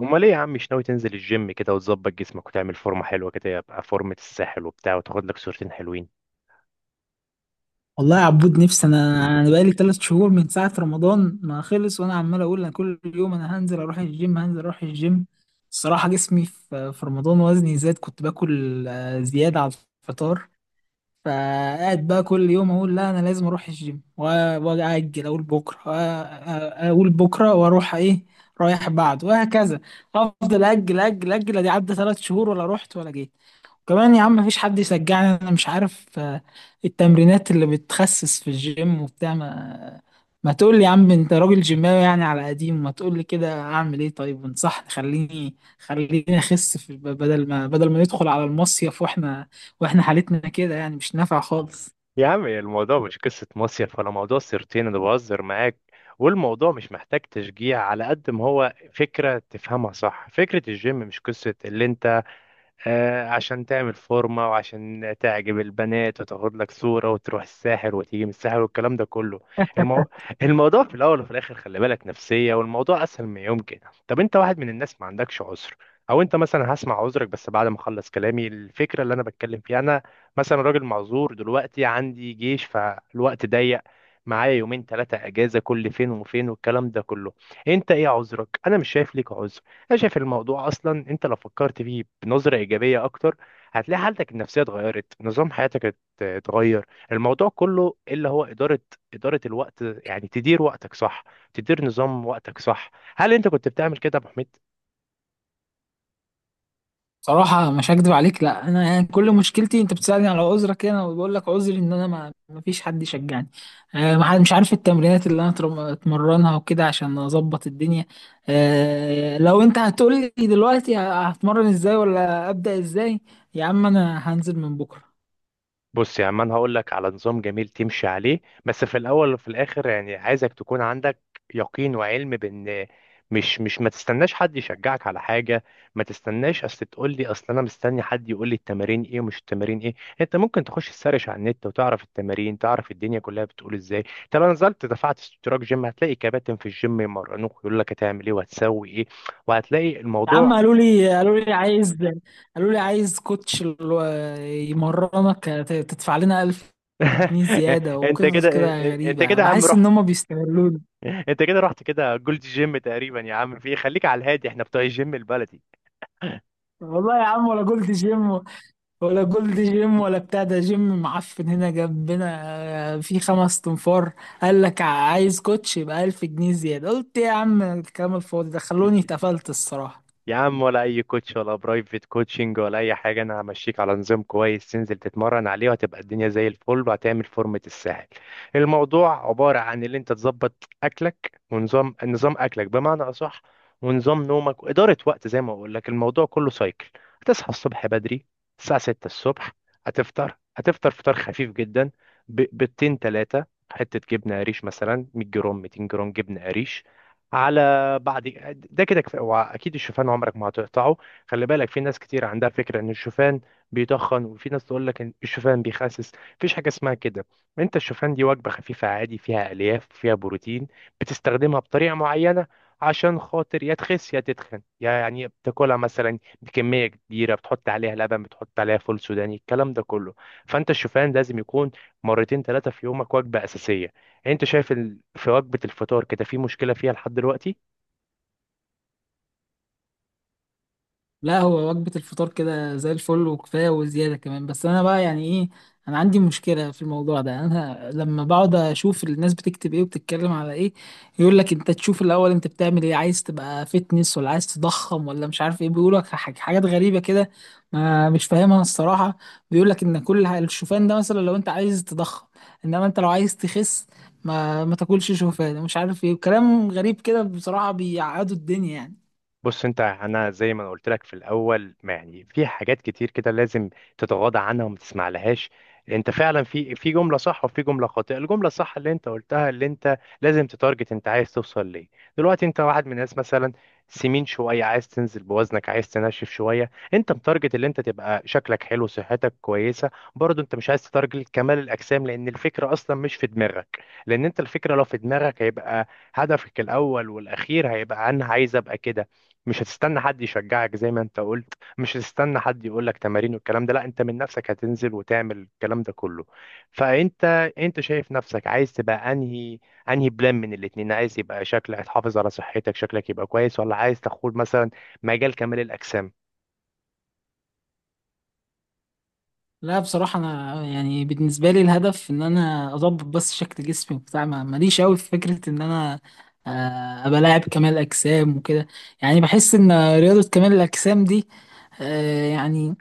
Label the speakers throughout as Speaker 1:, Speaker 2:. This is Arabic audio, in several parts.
Speaker 1: امال ايه يا عم، مش ناوي تنزل الجيم كده وتظبط جسمك وتعمل فورمه حلوه كده، يبقى فورمه الساحل وبتاع وتاخد لك صورتين حلوين؟
Speaker 2: والله يا عبود، نفسي. انا بقالي ثلاث شهور من ساعه رمضان ما خلص، وانا عمال اقول انا كل يوم انا هنزل اروح الجيم، هنزل اروح الجيم. الصراحه جسمي في رمضان وزني زاد، كنت باكل زياده على الفطار. فقاعد بقى كل يوم اقول لا انا لازم اروح الجيم واجل اقول بكره، اقول بكره واروح ايه، رايح بعد، وهكذا. افضل اجل اجل، ادي عدى ثلاث شهور ولا رحت ولا جيت. كمان يا عم، مفيش حد يشجعني، انا مش عارف. التمرينات اللي بتخسس في الجيم وبتاع، ما تقول لي يا عم، انت راجل جيماوي يعني على قديم ما، تقول لي كده اعمل ايه؟ طيب انصحني، خليني اخس، في بدل ما، بدل ما ندخل على المصيف واحنا حالتنا كده، يعني مش نافع خالص.
Speaker 1: يا عم الموضوع مش قصة مصيف ولا موضوع سيرتين، أنا بهزر معاك. والموضوع مش محتاج تشجيع، على قد ما هو فكرة تفهمها صح. فكرة الجيم مش قصة اللي أنت عشان تعمل فورمة وعشان تعجب البنات وتاخد لك صورة وتروح الساحر وتيجي من الساحر والكلام ده كله. المو... الموضوع في الأول وفي الآخر، خلي بالك نفسية، والموضوع أسهل ما يمكن. طب أنت واحد من الناس ما عندكش عذر. أو أنت مثلا، هسمع عذرك بس بعد ما أخلص كلامي. الفكرة اللي أنا بتكلم فيها، أنا مثلا راجل معذور دلوقتي، عندي جيش فالوقت ضيق، معايا يومين ثلاثة أجازة كل فين وفين والكلام ده كله. أنت إيه عذرك؟ أنا مش شايف ليك عذر. انا شايف الموضوع اصلا، انت لو فكرت فيه بنظره ايجابيه اكتر، هتلاقي حالتك النفسيه اتغيرت، نظام حياتك اتغير. الموضوع كله اللي هو اداره الوقت، يعني تدير وقتك صح، تدير نظام وقتك صح. هل انت كنت بتعمل كده يا ابو حميد؟
Speaker 2: صراحة مش هكدب عليك، لا أنا يعني كل مشكلتي، أنت بتسألني على عذرك أنا، وبقول لك عذري إن أنا ما فيش حد يشجعني. ما حد- مش عارف التمرينات اللي أنا أتمرنها وكده عشان أظبط الدنيا. لو أنت هتقول لي دلوقتي هتمرن إزاي ولا أبدأ إزاي، يا عم أنا هنزل من بكرة.
Speaker 1: بص يا عم، انا هقول لك على نظام جميل تمشي عليه، بس في الاول وفي الاخر يعني عايزك تكون عندك يقين وعلم بان مش ما تستناش حد يشجعك على حاجه. ما تستناش اصل تقول لي اصل انا مستني حد يقول لي التمارين ايه ومش التمارين ايه. انت ممكن تخش تسرش على النت وتعرف التمارين، تعرف الدنيا كلها بتقول ازاي. طب انا نزلت دفعت اشتراك جيم، هتلاقي كباتن في الجيم يمرنوك يقول لك هتعمل ايه وهتسوي ايه، وهتلاقي
Speaker 2: يا عم،
Speaker 1: الموضوع.
Speaker 2: قالوا لي قالوا لي عايز كوتش يمرنك، تدفع لنا 1000 جنيه زيادة
Speaker 1: انت
Speaker 2: وقصص
Speaker 1: كده
Speaker 2: كده
Speaker 1: انت
Speaker 2: غريبة،
Speaker 1: كده يا عم
Speaker 2: بحس إن
Speaker 1: روح.
Speaker 2: هما بيستغلوني.
Speaker 1: انت كده رحت كده جولد جيم تقريبا يا عم، في ايه؟ خليك على الهادي، احنا بتوع الجيم البلدي.
Speaker 2: والله يا عم، ولا جولد جيم ولا بتاع، ده جيم معفن هنا جنبنا. في خمس تنفار، قال لك عايز كوتش يبقى 1000 جنيه زيادة. قلت يا عم الكلام الفاضي ده خلوني، اتقفلت الصراحة.
Speaker 1: يا عم ولا اي كوتش ولا برايفت كوتشنج ولا اي حاجه، انا همشيك على نظام كويس تنزل تتمرن عليه، وهتبقى الدنيا زي الفل، وهتعمل فورمه الساحل. الموضوع عباره عن اللي انت تظبط اكلك، ونظام اكلك بمعنى اصح، ونظام نومك، واداره وقت، زي ما اقول لك الموضوع كله سايكل. هتصحى الصبح بدري، الساعه 6 الصبح. هتفطر فطار خفيف جدا، بيضتين ثلاثه، حته جبنه قريش مثلا 100 جرام 200 جرام جبنه قريش. على بعد ده كده كفايه، هو اكيد الشوفان عمرك ما هتقطعه. خلي بالك، في ناس كتير عندها فكره ان الشوفان بيتخن، وفي ناس تقول لك ان الشوفان بيخسس. مفيش حاجه اسمها كده. انت الشوفان دي وجبه خفيفه عادي، فيها الياف، فيها بروتين، بتستخدمها بطريقه معينه، عشان خاطر يا تخس يا تتخن. يعني بتاكلها مثلا بكميه كبيره، بتحط عليها لبن، بتحط عليها فول سوداني، الكلام ده كله. فانت الشوفان لازم يكون مرتين ثلاثه في يومك، وجبه اساسيه. انت شايف في وجبة الفطار كده في مشكلة فيها لحد دلوقتي؟
Speaker 2: لا هو وجبة الفطار كده زي الفل وكفاية وزيادة كمان، بس أنا بقى يعني إيه، أنا عندي مشكلة في الموضوع ده. أنا لما بقعد أشوف الناس بتكتب إيه وبتتكلم على إيه، يقول لك أنت تشوف الأول أنت بتعمل إيه، عايز تبقى فتنس، ولا عايز تضخم، ولا مش عارف إيه، بيقول لك حاجات غريبة كده، ما مش فاهمها الصراحة. بيقول لك إن كل الشوفان ده مثلا لو أنت عايز تضخم، إنما أنت لو عايز تخس ما تاكلش شوفان، مش عارف إيه، وكلام غريب كده بصراحة، بيعقدوا الدنيا يعني.
Speaker 1: بص انت، انا زي ما انا قلت لك في الاول، ما يعني في حاجات كتير كده لازم تتغاضى عنها وما تسمع لهاش. انت فعلا في جمله صح وفي جمله خاطئه. الجمله الصح اللي انت قلتها، اللي انت لازم تتارجت انت عايز توصل ليه. دلوقتي انت واحد من الناس مثلا سمين شويه، عايز تنزل بوزنك، عايز تنشف شويه. انت متارجت اللي انت تبقى شكلك حلو صحتك كويسه، برضه انت مش عايز تتارجت كمال الاجسام لان الفكره اصلا مش في دماغك. لان انت الفكره لو في دماغك هيبقى هدفك الاول والاخير هيبقى انا عايز ابقى كده. مش هتستنى حد يشجعك زي ما انت قلت، مش هتستنى حد يقول لك تمارين والكلام ده. لا، انت من نفسك هتنزل وتعمل الكلام ده كله. فانت شايف نفسك عايز تبقى انهي بلان من الاتنين، عايز يبقى شكلك تحافظ على صحتك شكلك يبقى كويس، ولا عايز تاخد مثلا مجال كمال الاجسام؟
Speaker 2: لا بصراحة، أنا يعني بالنسبة لي الهدف إن أنا أضبط بس شكل جسمي وبتاع، ماليش أوي في فكرة إن أنا أبقى لاعب كمال أجسام وكده. يعني بحس إن رياضة كمال الأجسام دي يعني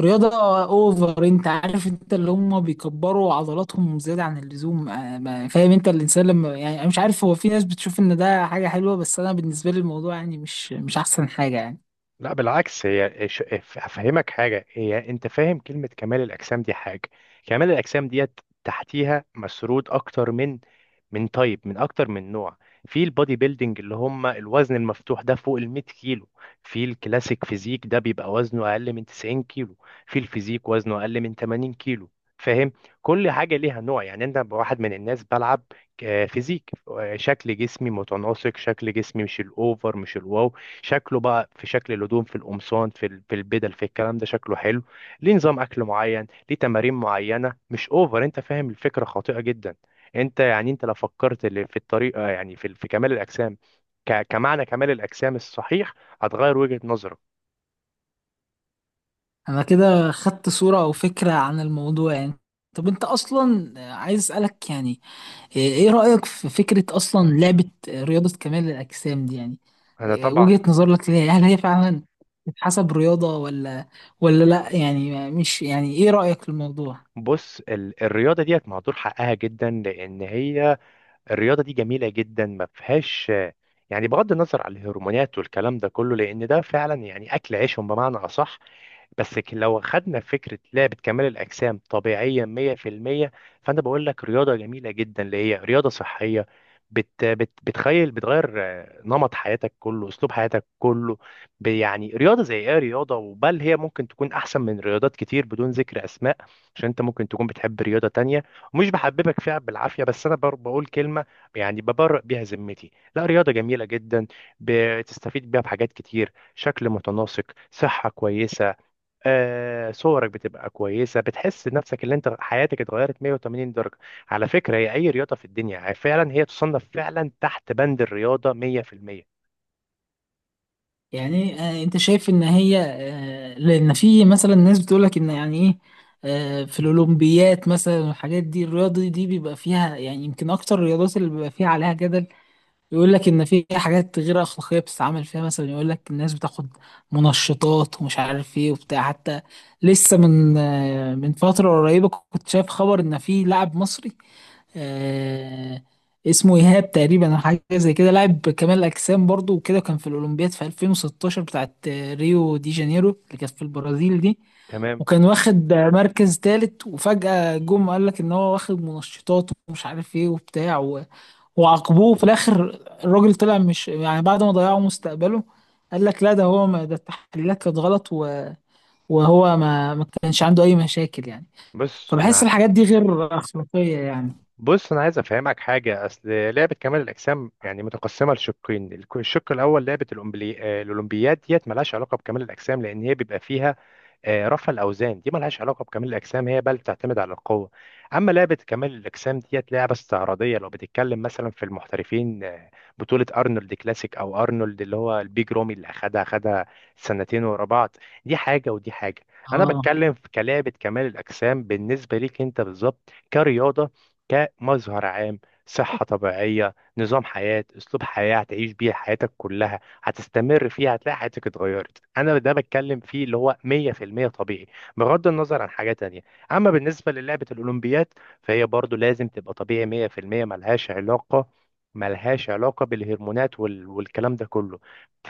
Speaker 2: رياضة أوفر، أنت عارف، أنت اللي هم بيكبروا عضلاتهم زيادة عن اللزوم. فاهم، أنت الإنسان لما، يعني أنا مش عارف، هو في ناس بتشوف إن ده حاجة حلوة، بس أنا بالنسبة لي الموضوع يعني مش أحسن حاجة يعني.
Speaker 1: لا بالعكس، هي افهمك حاجه، هي انت فاهم كلمه كمال الاجسام دي حاجه. كمال الاجسام ديت تحتيها مسرود اكتر من تايب، من اكتر من نوع. في البودي بيلدينج اللي هم الوزن المفتوح ده فوق ال 100 كيلو، في الكلاسيك فيزيك ده بيبقى وزنه اقل من 90 كيلو، في الفيزيك وزنه اقل من 80 كيلو. فاهم؟ كل حاجه ليها نوع، يعني انت واحد من الناس بلعب فيزيك، شكل جسمي متناسق، شكل جسمي مش الاوفر مش الواو. شكله بقى في شكل الهدوم، في القمصان، في البدل، في الكلام ده شكله حلو، ليه نظام اكل معين، ليه تمارين معينه، مش اوفر. انت فاهم؟ الفكره خاطئه جدا. انت يعني انت لو فكرت اللي في الطريقه، يعني في كمال الاجسام، كمعنى كمال الاجسام الصحيح، هتغير وجهه نظرك.
Speaker 2: انا كده خدت صورة او فكرة عن الموضوع يعني. طب انت اصلا عايز اسألك، يعني ايه، إيه رأيك في فكرة اصلا لعبة رياضة كمال الاجسام دي يعني؟
Speaker 1: انا
Speaker 2: إيه
Speaker 1: طبعا.
Speaker 2: وجهة نظرك ليها؟ هل هي فعلا تتحسب رياضة ولا ولا لا، يعني مش يعني، ايه رأيك في الموضوع
Speaker 1: بص الرياضه ديت مهدور حقها جدا، لان هي الرياضه دي جميله جدا ما فيهاش يعني، بغض النظر على الهرمونات والكلام ده كله، لان ده فعلا يعني اكل عيشهم بمعنى اصح. بس لو خدنا فكرة لعبة كمال الأجسام طبيعية 100%، فأنا بقول لك رياضة جميلة جدا اللي هي رياضة صحية، بت بت بتخيل بتغير نمط حياتك كله، أسلوب حياتك كله. يعني رياضة زي إيه، رياضة وبل هي ممكن تكون أحسن من رياضات كتير بدون ذكر أسماء، عشان أنت ممكن تكون بتحب رياضة تانية، ومش بحببك فيها بالعافية، بس أنا بقول كلمة يعني ببرئ بيها ذمتي. لا، رياضة جميلة جدا، بتستفيد بيها بحاجات كتير، شكل متناسق، صحة كويسة. صورك بتبقى كويسه، بتحس نفسك اللي انت حياتك اتغيرت 180 درجه. على فكره، هي اي رياضه في الدنيا فعلا هي تصنف فعلا تحت بند الرياضه 100%.
Speaker 2: يعني؟ انت شايف ان هي، لان في مثلا ناس بتقولك ان، يعني ايه، في الاولمبيات مثلا والحاجات دي، الرياضه دي بيبقى فيها يعني يمكن اكتر الرياضات اللي بيبقى فيها عليها جدل. يقول لك ان في حاجات غير اخلاقيه بتتعمل فيها، مثلا يقول لك الناس بتاخد منشطات ومش عارف ايه وبتاع. حتى لسه من من فتره قريبه كنت شايف خبر ان في لاعب مصري آه، اسمه ايهاب تقريبا او حاجه زي كده، لاعب كمال اجسام برضو وكده، كان في الاولمبياد في 2016 بتاعت ريو دي جانيرو اللي كانت في البرازيل دي،
Speaker 1: تمام.
Speaker 2: وكان واخد مركز ثالث. وفجاه جم قال لك ان هو واخد منشطات ومش عارف ايه وبتاع، وعاقبوه. وفي الاخر الراجل طلع مش يعني، بعد ما ضيعوا مستقبله، قال لك لا ده هو، ما ده التحليلات كانت غلط، وهو ما كانش عنده اي مشاكل يعني.
Speaker 1: بص
Speaker 2: فبحس
Speaker 1: انا
Speaker 2: الحاجات دي غير اخلاقية يعني.
Speaker 1: بص انا عايز افهمك حاجه، اصل لعبه كمال الاجسام يعني متقسمه لشقين، الشق الاول لعبه الأمبلي... آه، الاولمبياد ديت ملهاش علاقه بكمال الاجسام لان هي بيبقى فيها رفع الاوزان، دي ملهاش علاقه بكمال الاجسام، هي بل بتعتمد على القوه. اما لعبه كمال الاجسام ديت لعبه استعراضيه، لو بتتكلم مثلا في المحترفين بطوله ارنولد كلاسيك او ارنولد اللي هو البيج رومي، اللي اخدها سنتين ورا بعض. دي حاجه ودي حاجه. انا
Speaker 2: اه.
Speaker 1: بتكلم في كلعبه كمال الاجسام بالنسبه ليك انت بالظبط كرياضه، كمظهر عام، صحه طبيعيه، نظام حياه، اسلوب حياه هتعيش بيه حياتك كلها، هتستمر فيها هتلاقي حياتك اتغيرت. انا ده بتكلم فيه اللي هو 100% طبيعي، بغض النظر عن حاجة تانية. اما بالنسبة للعبة الاولمبياد، فهي برضو لازم تبقى طبيعي 100%، ملهاش علاقة بالهرمونات والكلام ده كله.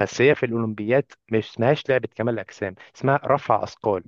Speaker 1: بس هي في الاولمبياد مش اسمهاش لعبة كمال اجسام، اسمها رفع اثقال.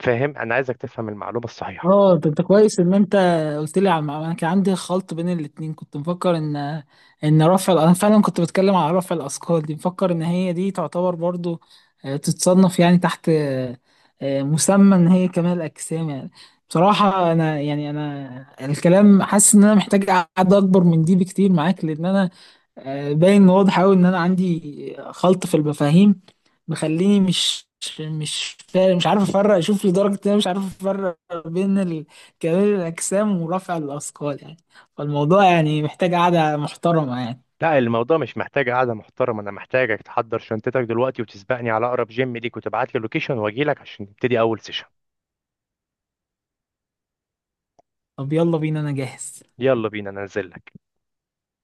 Speaker 1: فاهم؟ انا عايزك تفهم المعلومة الصحيحة.
Speaker 2: اه، طب ده كويس ان انت قلت لي على المعلومة. انا كان عندي خلط بين الاتنين، كنت مفكر ان، ان انا فعلا كنت بتكلم على رفع الاثقال دي، مفكر ان هي دي تعتبر برضو تتصنف يعني تحت مسمى ان هي كمال الاجسام يعني. بصراحة انا يعني، انا الكلام حاسس ان انا محتاج قعدة اكبر من دي بكتير معاك، لان انا باين واضح أوي إن أنا عندي خلط في المفاهيم، مخليني مش فارق، مش عارف أفرق، شوف لدرجة إن أنا مش عارف أفرق بين كمال الأجسام ورفع الأثقال يعني. فالموضوع يعني محتاج قعدة محترمة يعني.
Speaker 1: لا الموضوع مش محتاج قعدة محترمة، أنا محتاجك تحضر شنطتك دلوقتي وتسبقني على أقرب جيم ليك وتبعت لي لوكيشن وأجيلك عشان نبتدي أول سيشن.
Speaker 2: طب يلا بينا أنا جاهز.
Speaker 1: يلا بينا ننزل لك.